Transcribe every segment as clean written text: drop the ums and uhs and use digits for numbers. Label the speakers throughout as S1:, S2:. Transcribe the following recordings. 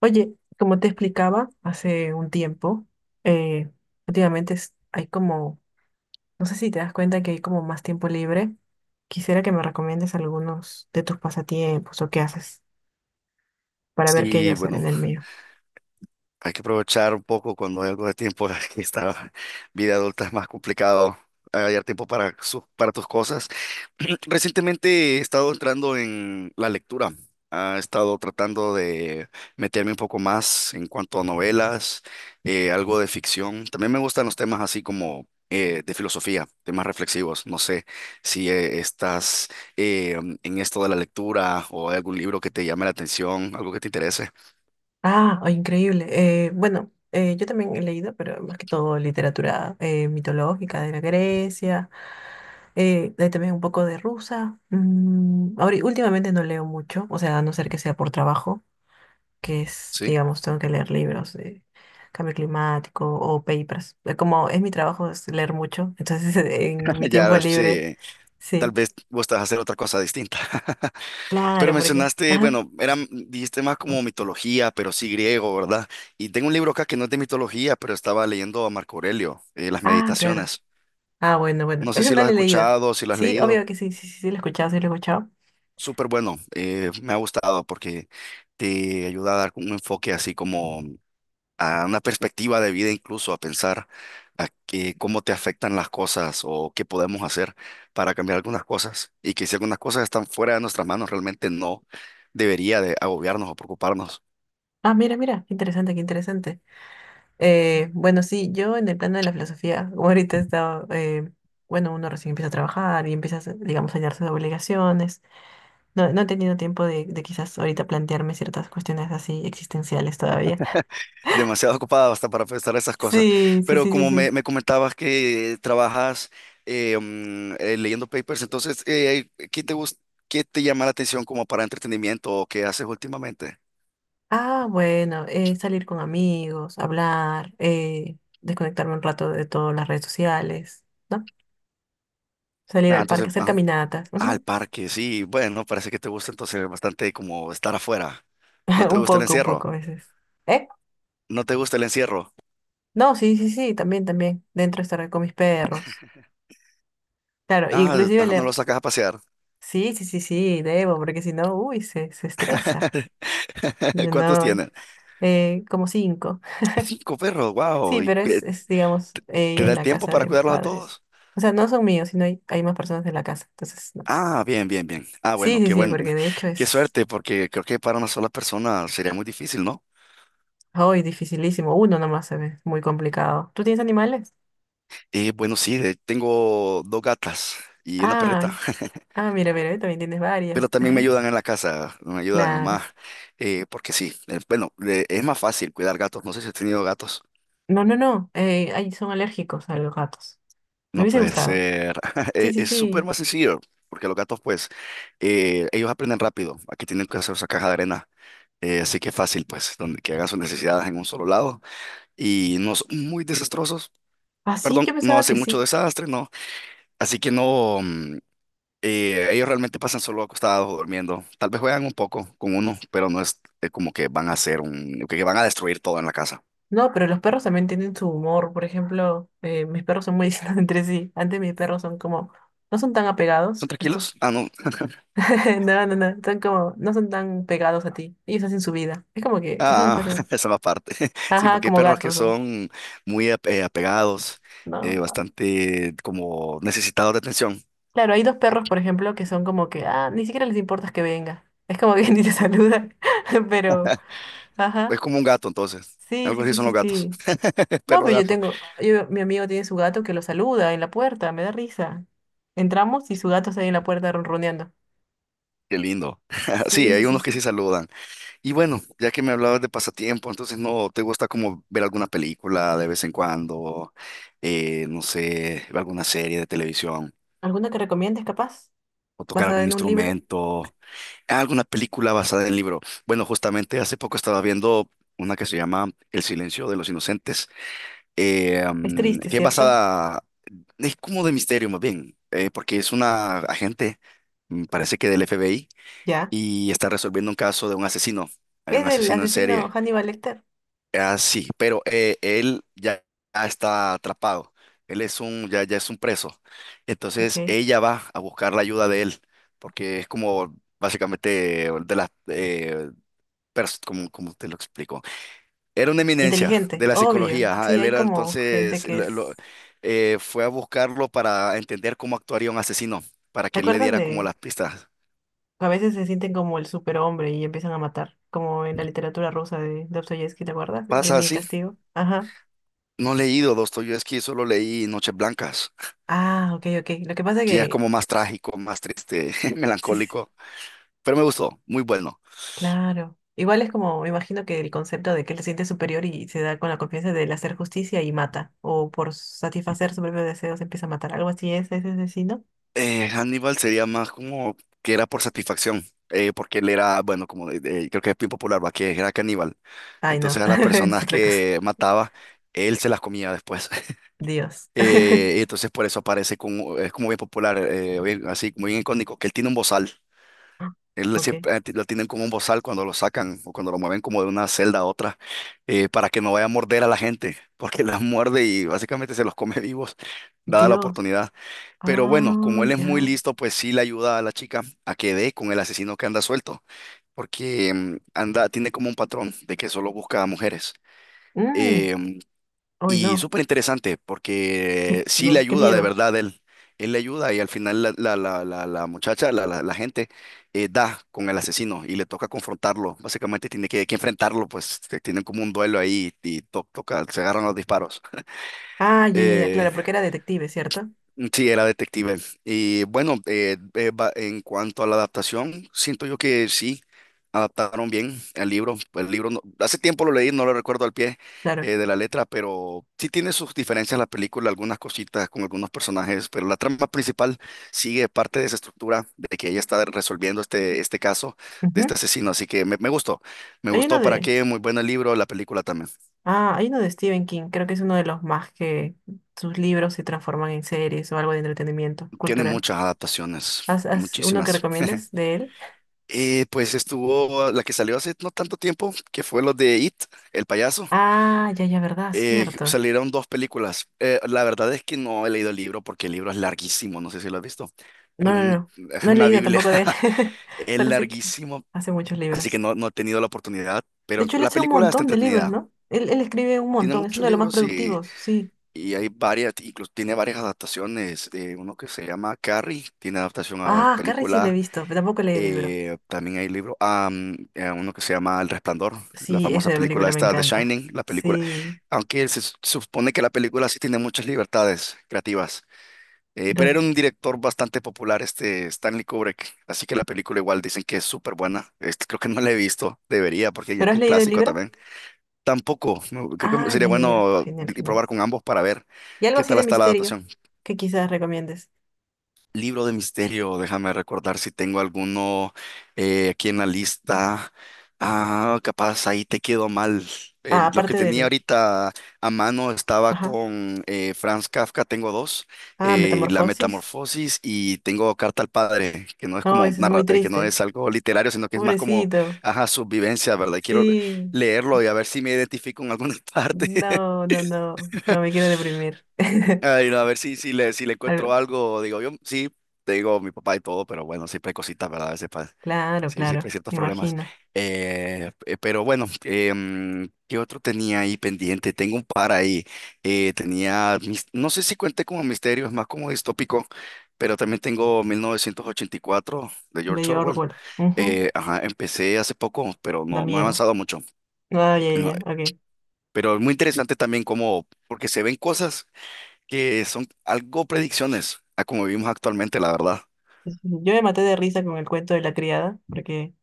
S1: Oye, como te explicaba hace un tiempo, eh, últimamente hay como, no sé si te das cuenta que hay como más tiempo libre. Quisiera que me recomiendes algunos de tus pasatiempos o qué haces para ver qué yo
S2: Sí,
S1: hacer en
S2: bueno,
S1: el mío.
S2: hay que aprovechar un poco cuando hay algo de tiempo, que esta vida adulta es más complicado hallar tiempo para, para tus cosas. Recientemente he estado entrando en la lectura, he estado tratando de meterme un poco más en cuanto a novelas, algo de ficción. También me gustan los temas así como de filosofía, temas reflexivos. No sé si estás eh, en esto de la lectura o hay algún libro que te llame la atención, algo que te interese.
S1: Ah, oh, increíble. Bueno, yo también he leído, pero más que todo literatura mitológica de la Grecia, hay también un poco de rusa. Ahora, últimamente no leo mucho, o sea, a no ser que sea por trabajo, que es,
S2: ¿Sí?
S1: digamos, tengo que leer libros de cambio climático o papers. Como es mi trabajo es leer mucho, entonces en mi tiempo
S2: Ya,
S1: libre,
S2: sí, tal
S1: sí,
S2: vez vos te vas a hacer otra cosa distinta. Pero
S1: claro, porque,
S2: mencionaste,
S1: ajá,
S2: bueno, era, dijiste más como mitología, pero sí griego, ¿verdad? Y tengo un libro acá que no es de mitología, pero estaba leyendo a Marco Aurelio, Las
S1: ah, claro,
S2: Meditaciones.
S1: ah, bueno, bueno,
S2: No sé
S1: ese
S2: si
S1: no
S2: lo has
S1: lo he leído,
S2: escuchado, si lo has
S1: sí,
S2: leído.
S1: obvio que sí, sí, sí, sí, lo he escuchado, sí, lo he escuchado.
S2: Súper bueno, me ha gustado porque te ayuda a dar un enfoque así como a una perspectiva de vida incluso, a pensar cómo te afectan las cosas o qué podemos hacer para cambiar algunas cosas y que si algunas cosas están fuera de nuestras manos, realmente no debería de agobiarnos o preocuparnos.
S1: Ah, mira, mira, qué interesante, qué interesante. Bueno, sí, yo en el plano de la filosofía, como ahorita he estado, bueno, uno recién empieza a trabajar y empieza, a hacer, digamos, a llenarse de obligaciones. No, no he tenido tiempo de quizás ahorita plantearme ciertas cuestiones así existenciales todavía.
S2: Demasiado ocupado hasta para pensar esas cosas.
S1: Sí, sí,
S2: Pero
S1: sí, sí,
S2: como me,
S1: sí.
S2: me comentabas que trabajas, leyendo papers, entonces, ¿Qué te llama la atención como para entretenimiento o qué haces últimamente?
S1: Ah, bueno, salir con amigos, hablar, desconectarme un rato de todas las redes sociales, ¿no? Salir
S2: Ah,
S1: al
S2: entonces,
S1: parque, hacer
S2: ajá.
S1: caminatas.
S2: Al
S1: Ujú.
S2: parque, sí. Bueno, parece que te gusta entonces bastante como estar afuera. ¿No te gusta el
S1: Un poco
S2: encierro?
S1: a veces. ¿Eh?
S2: ¿No te gusta el encierro?
S1: No, sí, sí, sí, también, también. Dentro estar con mis perros. Claro,
S2: Ah,
S1: inclusive
S2: ah, no
S1: leer.
S2: lo sacas a pasear.
S1: Sí, sí, sí, sí, debo, porque si no, uy, se estresa. Yo
S2: ¿Cuántos
S1: no,
S2: tienen?
S1: como cinco.
S2: Cinco perros, wow.
S1: Sí,
S2: ¿Y
S1: pero es digamos,
S2: te
S1: ella
S2: da
S1: en
S2: el
S1: la
S2: tiempo
S1: casa
S2: para
S1: de
S2: cuidarlos a
S1: padres.
S2: todos?
S1: O sea, no son míos, sino hay más personas en la casa. Entonces, no.
S2: Ah, bien, bien, bien. Ah,
S1: Sí,
S2: bueno,
S1: sí,
S2: qué
S1: sí,
S2: buen,
S1: porque de hecho
S2: qué
S1: es
S2: suerte, porque creo que para una sola persona sería muy difícil, ¿no?
S1: hoy dificilísimo. Uno nomás se ve muy complicado. ¿Tú tienes animales?
S2: Bueno, sí, tengo dos gatas y una
S1: Ay,
S2: perrita.
S1: ah, mira, mira, también tienes
S2: Pero
S1: varias.
S2: también me ayudan en la casa, me ayuda mi mamá,
S1: Claro.
S2: porque sí, bueno, es más fácil cuidar gatos, no sé si has tenido gatos.
S1: No, no, no. Ay, son alérgicos a los gatos. Me
S2: No
S1: hubiese
S2: puede
S1: gustado.
S2: ser,
S1: Sí, sí,
S2: es súper
S1: sí.
S2: más sencillo, porque los gatos pues, ellos aprenden rápido, aquí tienen que hacer esa caja de arena, así que fácil pues, donde que hagan sus necesidades en un solo lado, y no son muy desastrosos.
S1: Ah, sí,
S2: Perdón,
S1: yo
S2: no
S1: pensaba que
S2: hacen mucho
S1: sí.
S2: desastre. No, así que no. Ellos realmente pasan solo acostados o durmiendo. Tal vez juegan un poco con uno, pero no es, como que van a hacer un, que van a destruir todo en la casa.
S1: No, pero los perros también tienen su humor. Por ejemplo, mis perros son muy distintos entre sí. Antes mis perros son como, no son tan
S2: ¿Son
S1: apegados.
S2: tranquilos?
S1: Estos
S2: Ah, no.
S1: No, no, no, son como, no son tan pegados a ti. Ellos hacen su vida. Es como que es un
S2: Ah,
S1: espacio.
S2: esa va aparte. Sí,
S1: Ajá,
S2: porque hay
S1: como
S2: perros que
S1: gatos son.
S2: son muy apegados,
S1: No.
S2: bastante como necesitados de atención.
S1: Claro, hay dos perros, por ejemplo, que son como que, ah, ni siquiera les importa que venga. Es como que ni te saludan. Pero,
S2: Es
S1: ajá.
S2: como un gato, entonces.
S1: Sí,
S2: Algo
S1: sí,
S2: así
S1: sí,
S2: son
S1: sí,
S2: los gatos.
S1: sí. No,
S2: Perro
S1: pero
S2: gato.
S1: mi amigo tiene su gato que lo saluda en la puerta, me da risa. Entramos y su gato está ahí en la puerta ronroneando.
S2: Qué lindo. Sí,
S1: Sí, sí,
S2: hay
S1: sí,
S2: unos que sí
S1: sí.
S2: saludan. Y bueno, ya que me hablabas de pasatiempo, entonces no te gusta como ver alguna película de vez en cuando. No sé, ver alguna serie de televisión
S1: ¿Alguna que recomiendes, capaz?
S2: o tocar
S1: Basada
S2: algún
S1: en un libro.
S2: instrumento. Ah, alguna película basada en libro. Bueno, justamente hace poco estaba viendo una que se llama El silencio de los inocentes,
S1: Es triste,
S2: que es
S1: ¿cierto?
S2: basada, es como de misterio más bien, porque es una agente, parece que del FBI,
S1: Ya.
S2: y está resolviendo un caso de un asesino. Hay
S1: Es
S2: un
S1: del
S2: asesino en serie.
S1: asesino Hannibal Lecter.
S2: Ah, sí, pero él ya está atrapado. Él es un, ya, ya es un preso. Entonces
S1: Ok.
S2: ella va a buscar la ayuda de él, porque es como básicamente de las, como, como te lo explico. Era una eminencia
S1: Inteligente,
S2: de la
S1: obvio.
S2: psicología, ajá.
S1: Sí,
S2: Él
S1: hay
S2: era
S1: como gente
S2: entonces,
S1: que es.
S2: fue a buscarlo para entender cómo actuaría un asesino, para
S1: ¿Te
S2: que él le
S1: acuerdas
S2: diera como
S1: de
S2: las pistas.
S1: que a veces se sienten como el superhombre y empiezan a matar? Como en la literatura rusa de Dostoyevsky, ¿te acuerdas? De
S2: ¿Pasa
S1: Crimen y
S2: así?
S1: Castigo. Ajá.
S2: No he leído Dostoyevski, solo leí Noches Blancas,
S1: Ah, ok, ok. Lo que pasa
S2: que ya es
S1: que.
S2: como más trágico, más triste,
S1: Sí, sí, sí,
S2: melancólico, pero me gustó, muy bueno.
S1: claro. Igual es como, me imagino que el concepto de que él se siente superior y se da con la confianza del hacer justicia y mata. O por satisfacer sus propios deseos empieza a matar. Algo así es ese asesino.
S2: Hannibal sería más como que era por satisfacción, porque él era, bueno, como creo que es bien popular, va, que era caníbal.
S1: Ay, no.
S2: Entonces a las
S1: Es
S2: personas
S1: otra cosa.
S2: que mataba, él se las comía después.
S1: Dios.
S2: Y entonces por eso aparece como, es como bien popular, así, muy bien icónico, que él tiene un bozal.
S1: Ah,
S2: Él
S1: ok.
S2: siempre lo tienen como un bozal cuando lo sacan o cuando lo mueven como de una celda a otra, para que no vaya a morder a la gente, porque las muerde y básicamente se los come vivos, dada la
S1: Dios.
S2: oportunidad. Pero bueno,
S1: Ah,
S2: como él es muy
S1: ya.
S2: listo, pues sí le ayuda a la chica a que dé con el asesino que anda suelto, porque anda, tiene como un patrón de que solo busca a mujeres.
S1: Mm,
S2: Em,
S1: uy,
S2: y
S1: no.
S2: súper interesante, porque sí le
S1: No, qué
S2: ayuda de
S1: miedo.
S2: verdad él. Él le ayuda y al final la muchacha, la gente, da con el asesino y le toca confrontarlo. Básicamente tiene que enfrentarlo, pues tienen como un duelo ahí y toca, se agarran los disparos.
S1: Ah, ya, ya, ya,
S2: Eh,
S1: claro, porque era detective, ¿cierto?
S2: Sí, era detective. Y bueno, en cuanto a la adaptación, siento yo que sí, adaptaron bien el libro. El libro, hace tiempo lo leí, no lo recuerdo al pie,
S1: Claro.
S2: de la letra, pero sí tiene sus diferencias la película, algunas cositas con algunos personajes, pero la trama principal sigue parte de esa estructura de que ella está resolviendo este caso de este
S1: Ujú.
S2: asesino. Así que me gustó, me
S1: Hay
S2: gustó
S1: uno
S2: para
S1: de.
S2: qué, muy buen el libro, la película también.
S1: Ah, hay uno de Stephen King. Creo que es uno de los más que sus libros se transforman en series o algo de entretenimiento
S2: Tiene
S1: cultural.
S2: muchas adaptaciones,
S1: ¿Has uno que
S2: muchísimas.
S1: recomiendes de él?
S2: Pues estuvo la que salió hace no tanto tiempo, que fue lo de It, el payaso.
S1: Ah, ya, ya, verdad, cierto.
S2: Salieron dos películas. La verdad es que no he leído el libro porque el libro es larguísimo, no sé si lo has visto. Es
S1: No, no,
S2: un-
S1: no.
S2: es
S1: No he
S2: una
S1: leído
S2: Biblia,
S1: tampoco de él.
S2: es
S1: Solo sé que
S2: larguísimo,
S1: hace muchos
S2: así que
S1: libros.
S2: no, no he tenido la oportunidad,
S1: De
S2: pero
S1: hecho, él
S2: la
S1: hace un
S2: película está
S1: montón de libros,
S2: entretenida.
S1: ¿no? Él escribe un
S2: Tiene
S1: montón, es uno
S2: muchos
S1: de los más
S2: libros y,
S1: productivos, sí.
S2: y hay varias, incluso tiene varias adaptaciones. Uno que se llama Carrie, tiene adaptación a
S1: Ah, Carrie sí le he
S2: película.
S1: visto, pero tampoco leí el libro.
S2: También hay libros, uno que se llama El Resplandor, la
S1: Sí,
S2: famosa
S1: esa
S2: película
S1: película me
S2: esta, The
S1: encanta.
S2: Shining, la película,
S1: Sí.
S2: aunque supone que la película sí tiene muchas libertades creativas, pero era
S1: Entonces,
S2: un director bastante popular, este Stanley Kubrick, así que la película igual dicen que es súper buena, este, creo que no la he visto, debería, porque ya es
S1: ¿pero has
S2: un
S1: leído el
S2: clásico
S1: libro?
S2: también. Tampoco, no, creo que
S1: Ah, ya,
S2: sería
S1: ya, ya.
S2: bueno
S1: Genial, genial.
S2: probar con ambos para ver
S1: ¿Y algo
S2: qué
S1: así
S2: tal
S1: de
S2: está la
S1: misterio
S2: adaptación.
S1: que quizás recomiendes?
S2: Libro de misterio, déjame recordar si tengo alguno, aquí en la lista. Ah, capaz ahí te quedó mal.
S1: Ah,
S2: En los que
S1: aparte
S2: tenía
S1: del...
S2: ahorita a mano estaba
S1: Ajá.
S2: con, Franz Kafka, tengo dos,
S1: Ah,
S2: La
S1: Metamorfosis.
S2: Metamorfosis y tengo Carta al Padre, que no es
S1: No,
S2: como
S1: eso es muy
S2: que no
S1: triste.
S2: es algo literario, sino que es más como,
S1: Pobrecito.
S2: ajá, su vivencia, ¿verdad? Y quiero
S1: Sí.
S2: leerlo y a ver si me identifico en alguna parte.
S1: No, no, no. No me quiero deprimir.
S2: Ay, no, a ver si le encuentro
S1: Algo-
S2: algo, digo yo, sí, te digo mi papá y todo, pero bueno, siempre hay cositas, ¿verdad? A veces
S1: Claro,
S2: sí, siempre hay
S1: claro.
S2: ciertos
S1: Me
S2: problemas.
S1: imagino.
S2: Pero bueno, ¿qué otro tenía ahí pendiente? Tengo un par ahí. Tenía, no sé si cuente como misterio, es más como distópico, pero también tengo 1984 de George
S1: De
S2: Orwell.
S1: Orwell. Ujú.
S2: Ajá, empecé hace poco, pero
S1: Da
S2: no, no he
S1: miedo.
S2: avanzado mucho.
S1: Ah, ya, ya,
S2: No,
S1: ya, ok.
S2: pero es muy interesante también como, porque se ven cosas que son algo predicciones a como vivimos actualmente, la verdad.
S1: Sí, sí, sí. Yo me maté de risa con el cuento de la criada porque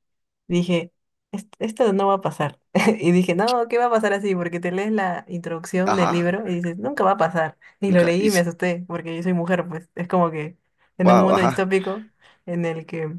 S1: dije, esto no va a pasar. Y dije, no, ¿qué va a pasar así? Porque te lees la introducción del
S2: Ajá,
S1: libro y dices, nunca va a pasar. Y lo
S2: nunca.
S1: leí
S2: Y,
S1: y me asusté porque yo soy mujer, pues es como que en un
S2: wow,
S1: mundo
S2: ajá.
S1: distópico en el que,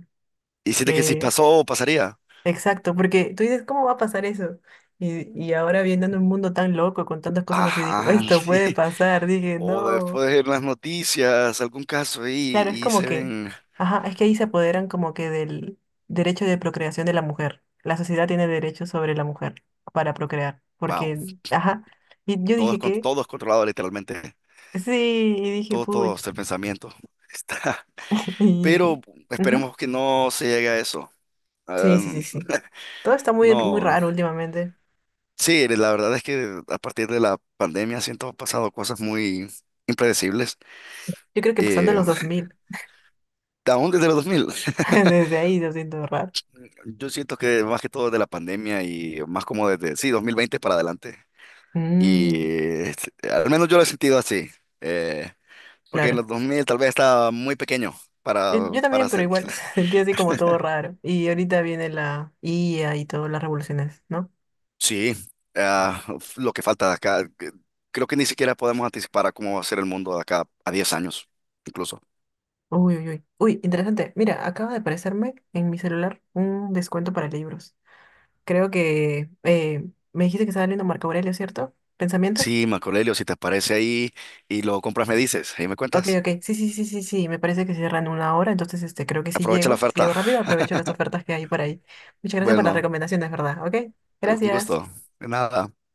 S2: Y hiciste que si
S1: que-
S2: pasó pasaría.
S1: exacto, porque tú dices, ¿cómo va a pasar eso? Y ahora viendo en un mundo tan loco con tantas cosas así, dijo,
S2: Ajá,
S1: esto puede
S2: sí.
S1: pasar. Dije,
S2: O
S1: no.
S2: después de las noticias, algún caso ahí
S1: Claro, es
S2: y
S1: como
S2: se
S1: que,
S2: ven.
S1: ajá, es que ahí se apoderan como que del derecho de procreación de la mujer. La sociedad tiene derecho sobre la mujer para procrear,
S2: Wow,
S1: porque, ajá, y yo
S2: todo es,
S1: dije que,
S2: todo es controlado literalmente.
S1: sí, y dije,
S2: Todo
S1: puch,
S2: es el pensamiento. Está.
S1: y dije,
S2: Pero
S1: ujú.
S2: esperemos que no se llegue a eso. Ah,
S1: Sí, sí, sí, sí. Todo está muy, muy
S2: no.
S1: raro últimamente.
S2: Sí, la verdad es que a partir de la pandemia siento han pasado cosas muy impredecibles.
S1: Yo creo que pasando
S2: Eh,
S1: los 2000,
S2: Aún desde los 2000.
S1: desde ahí lo siento raro.
S2: Yo siento que más que todo de la pandemia y más como desde, sí, 2020 para adelante.
S1: Mm,
S2: Y este, al menos yo lo he sentido así. eh, Porque en
S1: claro.
S2: los 2000 tal vez estaba muy pequeño para,
S1: Yo también, pero
S2: hacer.
S1: igual sentí así como todo raro. Y ahorita viene la IA y todas las revoluciones, ¿no?
S2: Sí, ah, lo que falta de acá, creo que ni siquiera podemos anticipar a cómo va a ser el mundo de acá a 10 años, incluso.
S1: Uy, uy, uy. Uy, interesante. Mira, acaba de aparecerme en mi celular un descuento para libros. Creo que me dijiste que estaba leyendo Marco Aurelio, ¿cierto? ¿Pensamientos?
S2: Sí, Marco, si te aparece ahí y lo compras, me dices, ahí me
S1: Ok,
S2: cuentas.
S1: ok. Sí, sí, sí, sí, sí. Me parece que cierran una hora, entonces este, creo que si
S2: Aprovecha la
S1: llego, si
S2: oferta.
S1: llego rápido, aprovecho las ofertas que hay por ahí. Muchas gracias por las
S2: Bueno,
S1: recomendaciones, ¿verdad? Ok,
S2: un
S1: gracias.
S2: gusto. De nada.